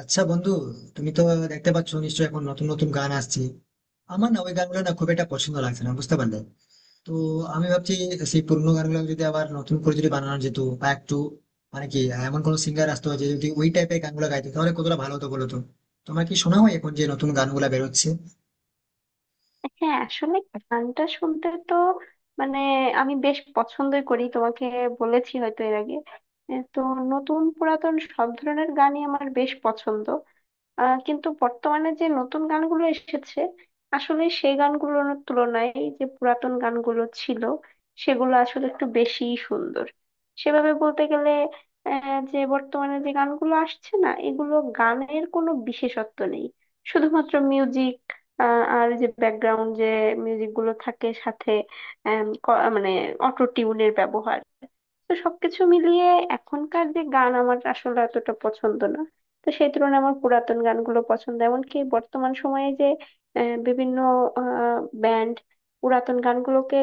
আচ্ছা বন্ধু, তুমি তো দেখতে পাচ্ছ নিশ্চয়ই এখন নতুন নতুন গান আসছে। আমার না ওই গানগুলো না খুব একটা পছন্দ লাগছে না, বুঝতে পারলে? তো আমি ভাবছি সেই পুরোনো গানগুলো যদি আবার নতুন করে যদি বানানো যেত, বা একটু মানে কি এমন কোনো সিঙ্গার আসতো যে যদি ওই টাইপের গানগুলো গাইতো, তাহলে কতটা ভালো হতো বলো তো। তোমার কি শোনা হয় এখন যে নতুন গানগুলো বেরোচ্ছে? হ্যাঁ, আসলে গানটা শুনতে তো মানে আমি বেশ পছন্দই করি। তোমাকে বলেছি হয়তো এর আগে, এ তো নতুন পুরাতন সব ধরনের গানই আমার বেশ পছন্দ। কিন্তু বর্তমানে যে নতুন গানগুলো এসেছে, আসলে সেই গানগুলোর তুলনায় যে পুরাতন গানগুলো ছিল, সেগুলো আসলে একটু বেশি সুন্দর। সেভাবে বলতে গেলে, যে বর্তমানে যে গানগুলো আসছে না, এগুলো গানের কোনো বিশেষত্ব নেই। শুধুমাত্র মিউজিক আর যে ব্যাকগ্রাউন্ড যে মিউজিক গুলো থাকে সাথে, মানে অটো টিউনের ব্যবহার, তো সবকিছু মিলিয়ে এখনকার যে গান আমার আসলে এতটা পছন্দ না। তো সেই তুলনায় আমার পুরাতন গানগুলো পছন্দ। এমনকি বর্তমান সময়ে যে বিভিন্ন ব্যান্ড পুরাতন গানগুলোকে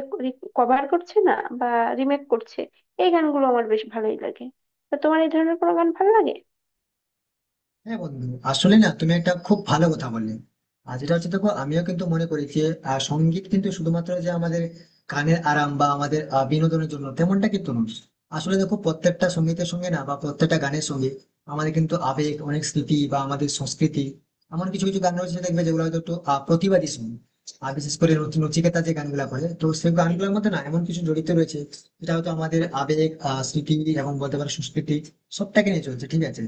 কভার করছে না বা রিমেক করছে, এই গানগুলো আমার বেশ ভালোই লাগে। তো তোমার এই ধরনের কোনো গান ভালো লাগে? হ্যাঁ বন্ধু, আসলে না তুমি একটা খুব ভালো কথা বললে। আর যেটা হচ্ছে দেখো, আমিও কিন্তু মনে করি যে সঙ্গীত কিন্তু শুধুমাত্র যে আমাদের কানের আরাম বা আমাদের বিনোদনের জন্য তেমনটা কিন্তু নয়। আসলে দেখো, প্রত্যেকটা সঙ্গীতের সঙ্গে না, বা প্রত্যেকটা গানের সঙ্গে আমাদের কিন্তু আবেগ, অনেক স্মৃতি, বা আমাদের সংস্কৃতি। এমন কিছু কিছু গান রয়েছে দেখবে, যেগুলো হয়তো একটু প্রতিবাদী সঙ্গীত। আর বিশেষ করে নচিকেতা যে গানগুলা করে, তো সেই গানগুলোর মধ্যে না এমন কিছু জড়িত রয়েছে যেটা হয়তো আমাদের আবেগ, স্মৃতি এবং বলতে পারো সংস্কৃতি সবটাকে নিয়ে চলছে, ঠিক আছে?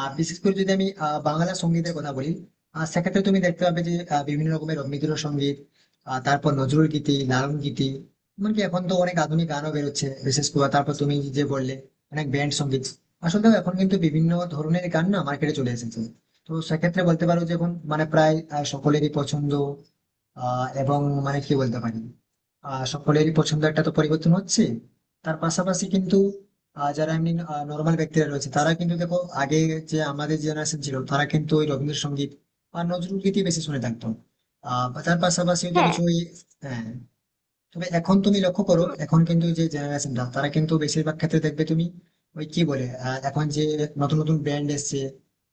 বিশেষ করে যদি আমি বাংলা সঙ্গীতের কথা বলি, সেক্ষেত্রে তুমি দেখতে পাবে যে বিভিন্ন রকমের রবীন্দ্রসঙ্গীত, তারপর নজরুল গীতি, লালন গীতি, এমনকি এখন তো অনেক আধুনিক গানও বেরোচ্ছে। বিশেষ করে তারপর তুমি যে বললে অনেক ব্যান্ড সঙ্গীত। আসলে দেখো, এখন কিন্তু বিভিন্ন ধরনের গান না মার্কেটে চলে এসেছে। তো সেক্ষেত্রে বলতে পারো যে এখন মানে প্রায় সকলেরই পছন্দ এবং মানে কি বলতে পারি, সকলেরই পছন্দ একটা তো পরিবর্তন হচ্ছে। তার পাশাপাশি কিন্তু যারা এমনি নর্মাল ব্যক্তিরা রয়েছে, তারা কিন্তু দেখো আগে, যে আমাদের জেনারেশন ছিল, তারা কিন্তু ওই রবীন্দ্রসঙ্গীত বা নজরুল গীতি বেশি শুনে থাকতো। আহ তার পাশাপাশি হয়তো হ্যাঁ। কিছু ওই হ্যাঁ। তবে এখন তুমি লক্ষ্য করো, উম, এখন কিন্তু যে জেনারেশনটা তারা কিন্তু বেশিরভাগ ক্ষেত্রে দেখবে তুমি ওই কি বলে, এখন যে নতুন নতুন ব্র্যান্ড এসছে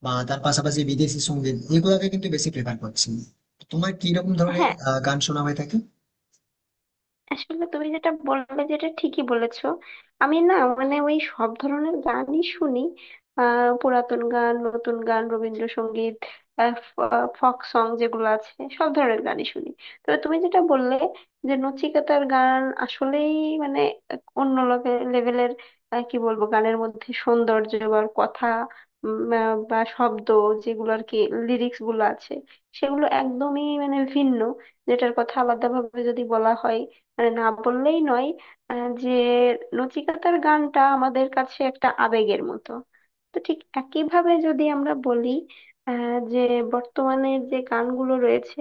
বা তার পাশাপাশি বিদেশি সঙ্গীত, এগুলোকে কিন্তু বেশি প্রেফার করছে। তোমার কি রকম ধরনের হ্যাঁ, গান শোনা হয়ে থাকে? আসলে তুমি যেটা বললে যেটা ঠিকই বলেছো। আমি না, ওই সব ধরনের গানই শুনি। আহ পুরাতন গান, নতুন গান, রবীন্দ্রসঙ্গীত, ফক সং যেগুলো আছে, সব ধরনের গানই শুনি। তবে তুমি যেটা বললে যে নচিকেতার গান আসলেই মানে এক অন্য লেভেলের। কি বলবো, গানের মধ্যে সৌন্দর্য বা কথা বা শব্দ যেগুলো আর কি লিরিক্স গুলো আছে, সেগুলো একদমই মানে ভিন্ন। যেটার কথা আলাদাভাবে যদি বলা হয়, না বললেই নয়। যে নচিকাতার গানটা আমাদের কাছে একটা আবেগের মতো। তো ঠিক একইভাবে যদি আমরা বলি, যে বর্তমানে যে গানগুলো রয়েছে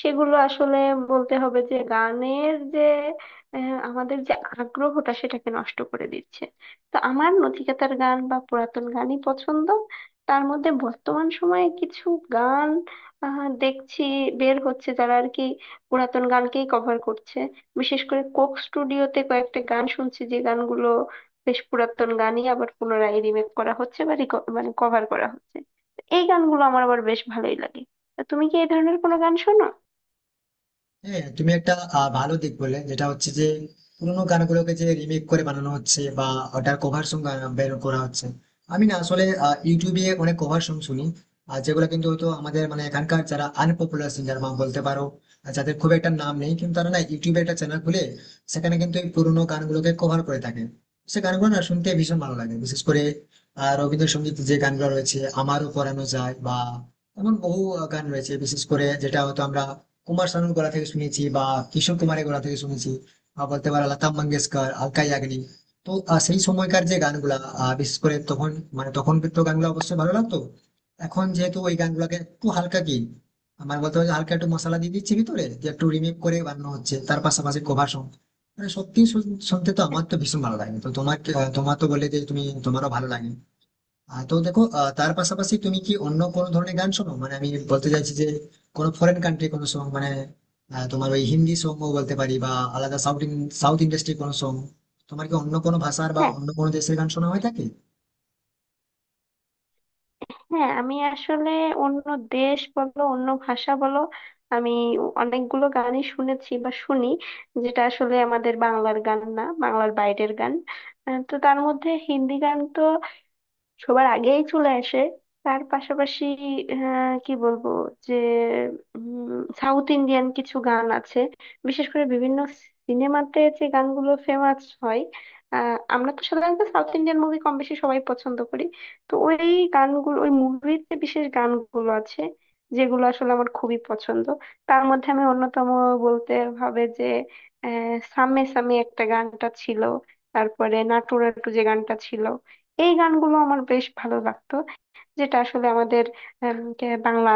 সেগুলো আসলে বলতে হবে যে গানের যে আমাদের যে আগ্রহটা সেটাকে নষ্ট করে দিচ্ছে। তো আমার নচিকাতার গান বা পুরাতন গানই পছন্দ। তার মধ্যে বর্তমান সময়ে কিছু গান দেখছি বের হচ্ছে যারা আর কি পুরাতন গানকেই কভার করছে। বিশেষ করে কোক স্টুডিওতে কয়েকটা গান শুনছি যে গানগুলো বেশ পুরাতন গানই আবার পুনরায় রিমেক করা হচ্ছে বা মানে কভার করা হচ্ছে। তো এই গানগুলো আমার আবার বেশ ভালোই লাগে। তা তুমি কি এই ধরনের কোনো গান শোনো? হ্যাঁ, তুমি একটা ভালো দিক বললে, যেটা হচ্ছে যে পুরোনো গানগুলোকে যে রিমেক করে বানানো হচ্ছে বা ওটার কভার সং বের করা হচ্ছে। আমি না আসলে ইউটিউবে অনেক কভার সং শুনি। আর যেগুলো কিন্তু হয়তো আমাদের মানে এখানকার যারা আনপপুলার সিঙ্গার বা বলতে পারো আর যাদের খুব একটা নাম নেই, কিন্তু তারা না ইউটিউবে একটা চ্যানেল খুলে সেখানে কিন্তু এই পুরোনো গানগুলোকে কভার করে থাকে। সে গানগুলো না শুনতে ভীষণ ভালো লাগে। বিশেষ করে রবীন্দ্রসঙ্গীত যে গানগুলো রয়েছে, আমারও পড়ানো যায় বা এমন বহু গান রয়েছে বিশেষ করে, যেটা হয়তো আমরা কুমার শানুর গলা থেকে শুনেছি বা কিশোর কুমারের গলা থেকে শুনেছি, বা বলতে পারো লতা মঙ্গেশকর, আলকা ইয়াগনিক। তো সেই সময়কার যে গানগুলা বিশেষ করে তখন, মানে তখন তো গানগুলো অবশ্যই ভালো লাগতো। এখন যেহেতু ওই গানগুলোকে একটু হালকা কি, আমার বলতে হবে যে হালকা একটু মশলা দিয়ে দিচ্ছে ভিতরে, যে একটু রিমেক করে বানানো হচ্ছে তার পাশাপাশি কভার সং, মানে সত্যি শুনতে তো আমার তো ভীষণ ভালো লাগে। তো তোমার তোমার তো বলে যে তুমি, তোমারও ভালো লাগে। তো দেখো, তার পাশাপাশি তুমি কি অন্য কোন ধরনের গান শোনো? মানে আমি বলতে চাইছি যে কোনো ফরেন কান্ট্রি কোনো সং, মানে তোমার ওই হিন্দি সং বলতে পারি বা আলাদা সাউথ, সাউথ ইন্ডাস্ট্রি কোনো সং, তোমার কি অন্য কোনো ভাষার বা হ্যাঁ। অন্য কোনো দেশের গান শোনা হয়ে থাকে? হ্যাঁ, আমি আসলে অন্য দেশ বলো অন্য ভাষা বলো, আমি অনেকগুলো গানই শুনেছি বা শুনি, যেটা আসলে আমাদের বাংলার গান না, বাংলার বাইরের গান। তো তার মধ্যে হিন্দি গান তো সবার আগেই চলে আসে। তার পাশাপাশি কি বলবো, যে সাউথ ইন্ডিয়ান কিছু গান আছে, বিশেষ করে বিভিন্ন সিনেমাতে যে গানগুলো ফেমাস হয়। আমরা তো সাধারণত সাউথ ইন্ডিয়ান মুভি কম বেশি সবাই পছন্দ করি। তো ওই গানগুলো, ওই মুভির যে বিশেষ গানগুলো আছে, যেগুলো আসলে আমার খুবই পছন্দ। তার মধ্যে আমি অন্যতম বলতে হবে যে সামে সামে একটা গানটা ছিল, তারপরে নাটু নাটু যে গানটা ছিল, এই গানগুলো আমার বেশ ভালো লাগতো। যেটা আসলে আমাদের বাংলা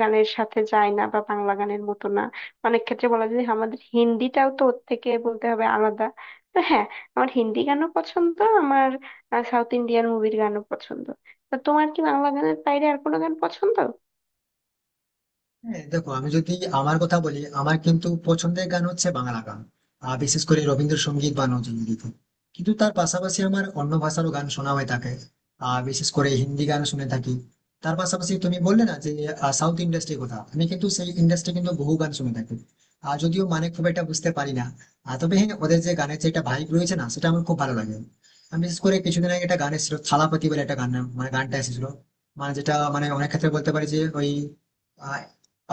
গানের সাথে যায় না বা বাংলা গানের মতো না। অনেক ক্ষেত্রে বলা যায় যে আমাদের হিন্দিটাও তো ওর থেকে বলতে হবে আলাদা। তো হ্যাঁ, আমার হিন্দি গানও পছন্দ, আমার সাউথ ইন্ডিয়ান মুভির গানও পছন্দ। তো তোমার কি বাংলা গানের বাইরে আর কোনো গান পছন্দ? হ্যাঁ দেখো, আমি যদি আমার কথা বলি, আমার কিন্তু পছন্দের গান হচ্ছে বাংলা গান। আর বিশেষ করে রবীন্দ্রসঙ্গীত বা নজরুল গীতি। কিন্তু তার পাশাপাশি আমার অন্য ভাষারও গান শোনা হয়ে থাকে। আর বিশেষ করে হিন্দি গান শুনে থাকি। তার পাশাপাশি তুমি বললে না যে সাউথ ইন্ডাস্ট্রির কথা, আমি কিন্তু সেই ইন্ডাস্ট্রি কিন্তু বহু গান শুনে থাকি। আর যদিও মানে খুব একটা বুঝতে পারি না, আর তবে হ্যাঁ, ওদের যে গানের যে একটা ভাইব রয়েছে না, সেটা আমার খুব ভালো লাগে। আমি বিশেষ করে কিছুদিন আগে একটা গান এসেছিল, থালাপতি বলে একটা গান, মানে গানটা এসেছিল, মানে যেটা মানে অনেক ক্ষেত্রে বলতে পারি যে ওই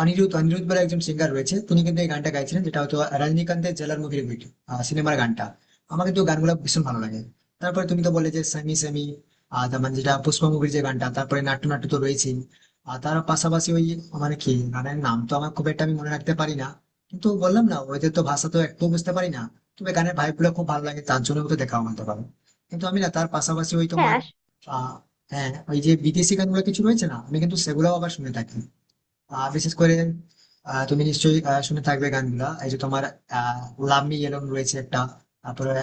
অনিরুদ্ধ অনিরুদ্ধ বলে একজন সিঙ্গার রয়েছে, তিনি কিন্তু এই গানটা গাইছিলেন, যেটা হয়তো রজনীকান্তের জেলার মুখের ভিডিও সিনেমার গানটা। আমার কিন্তু গানগুলো ভীষণ ভালো লাগে। তারপরে তুমি তো বললে যে সেমি সেমি, আর তার মানে যেটা পুষ্পা মুভির যে গানটা, তারপরে নাট্য নাট্য তো রয়েছেই। আর তার পাশাপাশি ওই, মানে কি গানের নাম তো আমার খুব একটা আমি মনে রাখতে পারি না, কিন্তু বললাম না ওদের তো ভাষা তো একটু বুঝতে পারি না। তবে গানের ভাইব গুলো খুব ভালো লাগে, তার জন্য তো দেখা হতে পারে। কিন্তু আমি না তার পাশাপাশি ওই হ্যাঁ তোমার আস- আহ, হ্যাঁ ওই যে বিদেশি গানগুলো কিছু রয়েছে না, আমি কিন্তু সেগুলোও আবার শুনে থাকি। বিশেষ করে তুমি নিশ্চয়ই শুনে থাকবে, গানগুলা এই যে তোমার লাভ মি ইয়েলোন রয়েছে একটা, তারপরে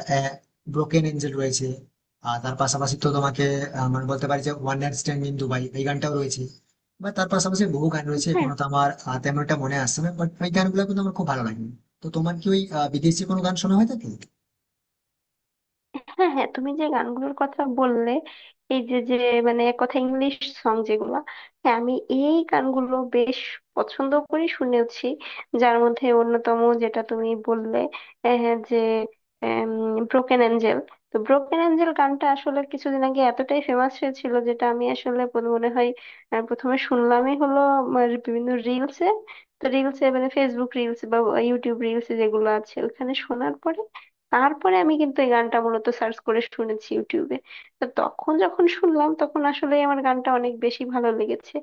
ব্রোকেন এঞ্জেল রয়েছে। আর তার পাশাপাশি তো তোমাকে মানে বলতে পারি যে one night stand in Dubai, এই গানটাও রয়েছে। বা তার পাশাপাশি বহু গান রয়েছে, হ্যাঁ। এখনো তো আমার তেমন একটা মনে আসছে না, বাট ওই গানগুলো কিন্তু আমার খুব ভালো লাগে। তো তোমার কি ওই বিদেশি কোনো গান শোনা হয়ে থাকে? হ্যাঁ, হ্যাঁ, তুমি যে গানগুলোর কথা বললে, এই যে যে এক কথা ইংলিশ সং যেগুলো, হ্যাঁ আমি এই গানগুলো বেশ পছন্দ করি, শুনেওছি। যার মধ্যে অন্যতম যেটা তুমি বললে আহ, যে ব্রোকেন অ্যাঞ্জেল। তো ব্রোকেন অ্যাঞ্জেল গানটা আসলে কিছুদিন আগে এতটাই ফেমাস হয়েছিল, যেটা আমি আসলে মনে হয় প্রথমে শুনলামই হলো আমার বিভিন্ন রিলসে। তো রিলসে মানে ফেসবুক রিলস বা ইউটিউব রিলস যেগুলো আছে ওখানে শোনার পরে, তারপরে আমি কিন্তু এই গানটা মূলত সার্চ করে শুনেছি ইউটিউবে। তো তখন যখন শুনলাম তখন আসলে আমার গানটা অনেক বেশি ভালো লেগেছে।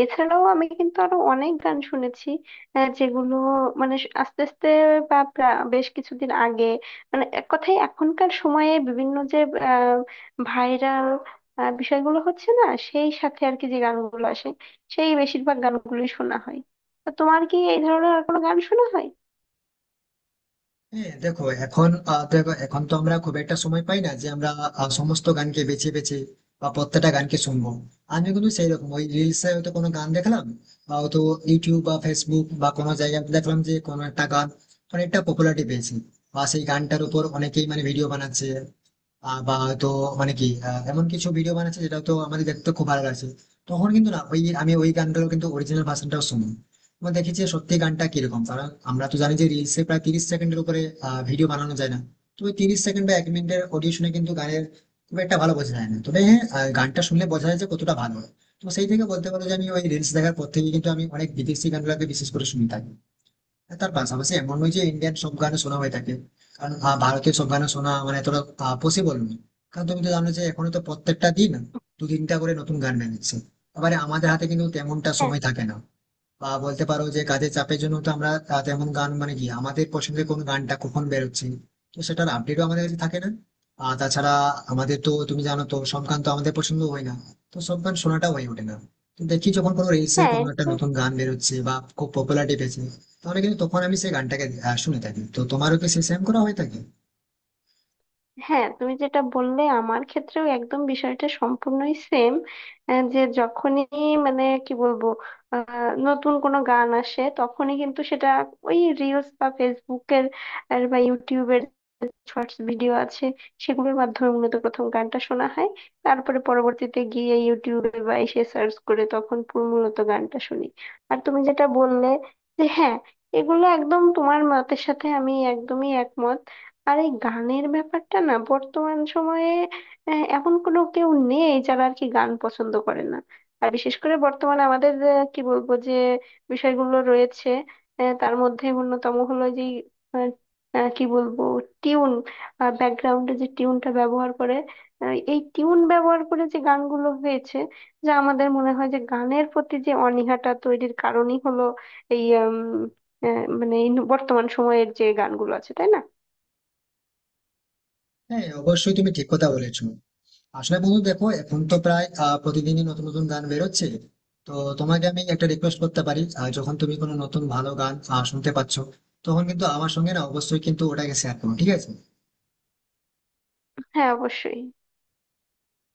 এছাড়াও আমি কিন্তু আরো অনেক গান শুনেছি, যেগুলো আস্তে আস্তে বা বেশ কিছুদিন আগে, মানে এক কথায় এখনকার সময়ে বিভিন্ন যে ভাইরাল বিষয়গুলো হচ্ছে না, সেই সাথে আর কি যে গানগুলো আসে, সেই বেশিরভাগ গানগুলোই শোনা হয়। তো তোমার কি এই ধরনের আর কোনো গান শোনা হয়? হ্যাঁ দেখো, এখন দেখো এখন তো আমরা খুব একটা সময় পাই না যে আমরা সমস্ত গানকে বেছে বেছে বা প্রত্যেকটা গানকে শুনবো। আমি কিন্তু সেই রকম ওই রিলসে হয়তো কোনো গান দেখলাম, বা হয়তো ইউটিউব বা ফেসবুক বা কোনো জায়গায় দেখলাম যে কোনো একটা গান অনেকটা পপুলারিটি পেয়েছে, বা সেই গানটার উপর অনেকেই মানে ভিডিও বানাচ্ছে, বা হয়তো মানে কি এমন কিছু ভিডিও বানাচ্ছে যেটা তো আমাদের দেখতে খুব ভালো লাগছে। তখন কিন্তু না ওই আমি ওই গানটারও কিন্তু অরিজিনাল ভার্সনটাও শুনি এবং দেখেছি সত্যি গানটা কিরকম। কারণ আমরা তো জানি যে রিলসে প্রায় 30 সেকেন্ডের উপরে ভিডিও বানানো যায় না। তো ওই 30 সেকেন্ড বা 1 মিনিটের অডিও শুনে কিন্তু গানের খুব একটা ভালো বোঝা যায় না। তবে হ্যাঁ, গানটা শুনলে বোঝা যায় যে কতটা ভালো হয়। তো সেই থেকে বলতে পারো যে আমি ওই রিলস দেখার পর থেকে কিন্তু আমি অনেক বিদেশি গানগুলোকে বিশেষ করে শুনে থাকি। তার পাশাপাশি এমন নয় যে ইন্ডিয়ান সব গান শোনা হয়ে থাকে, কারণ ভারতীয় সব গান শোনা মানে এতটা পসিবল নয়। কারণ তুমি তো জানো যে এখনো তো প্রত্যেকটা দিন দু তিনটা করে নতুন গান বেরোচ্ছে, আবার আমাদের হাতে কিন্তু তেমনটা হ্যাঁ। সময় থাকে না। বা বলতে পারো যে কাজের চাপের জন্য তো আমরা তেমন গান মানে কি, আমাদের পছন্দের কোন গানটা কখন বেরোচ্ছে, তো সেটার আপডেটও আমাদের কাছে থাকে না। আর তাছাড়া আমাদের তো তুমি জানো তো সব গান তো আমাদের পছন্দ হয় না, তো সব গান শোনাটা হয়ে ওঠে না। তো দেখি যখন কোনো রিলসে হ্যাঁ কোনো একটা নতুন গান বেরোচ্ছে বা খুব পপুলারিটি পেয়েছে, তাহলে কিন্তু তখন আমি সেই গানটাকে শুনে থাকি। তো তোমারও কি সেই সেম করা হয়ে থাকে? হ্যাঁ, তুমি যেটা বললে আমার ক্ষেত্রেও একদম বিষয়টা সম্পূর্ণই সেম। যে যখনই মানে কি বলবো নতুন কোনো গান আসে তখনই কিন্তু সেটা ওই রিলস বা ফেসবুকের আর বা ইউটিউবের শর্টস ভিডিও আছে, সেগুলোর মাধ্যমে মূলত প্রথম গানটা শোনা হয়। তারপরে পরবর্তীতে গিয়ে ইউটিউবে বা এসে সার্চ করে তখন পুরো মূলত গানটা শুনি। আর তুমি যেটা বললে যে হ্যাঁ, এগুলো একদম তোমার মতের সাথে আমি একদমই একমত। আর এই গানের ব্যাপারটা না বর্তমান সময়ে এমন কোনো কেউ নেই যারা আর কি গান পছন্দ করে না। আর বিশেষ করে বর্তমানে আমাদের আহ, কি বলবো যে বিষয়গুলো রয়েছে, তার মধ্যে অন্যতম হলো যে আহ, কি বলবো টিউন, ব্যাকগ্রাউন্ডে যে টিউনটা ব্যবহার করে, এই টিউন ব্যবহার করে যে গানগুলো হয়েছে, যা আমাদের মনে হয় যে গানের প্রতি যে অনীহাটা তৈরির কারণই হলো এই মানে এই বর্তমান সময়ের যে গানগুলো আছে, তাই না? হ্যাঁ অবশ্যই, তুমি ঠিক কথা বলেছো। আসলে বন্ধু দেখো, এখন তো প্রায় প্রতিদিনই নতুন নতুন গান বেরোচ্ছে। তো তোমাকে আমি একটা রিকোয়েস্ট করতে পারি, যখন তুমি কোনো নতুন ভালো গান শুনতে পাচ্ছ, তখন কিন্তু আমার সঙ্গে না অবশ্যই কিন্তু ওটাকে শেয়ার করো, ঠিক আছে? হ্যাঁ, অবশ্যই।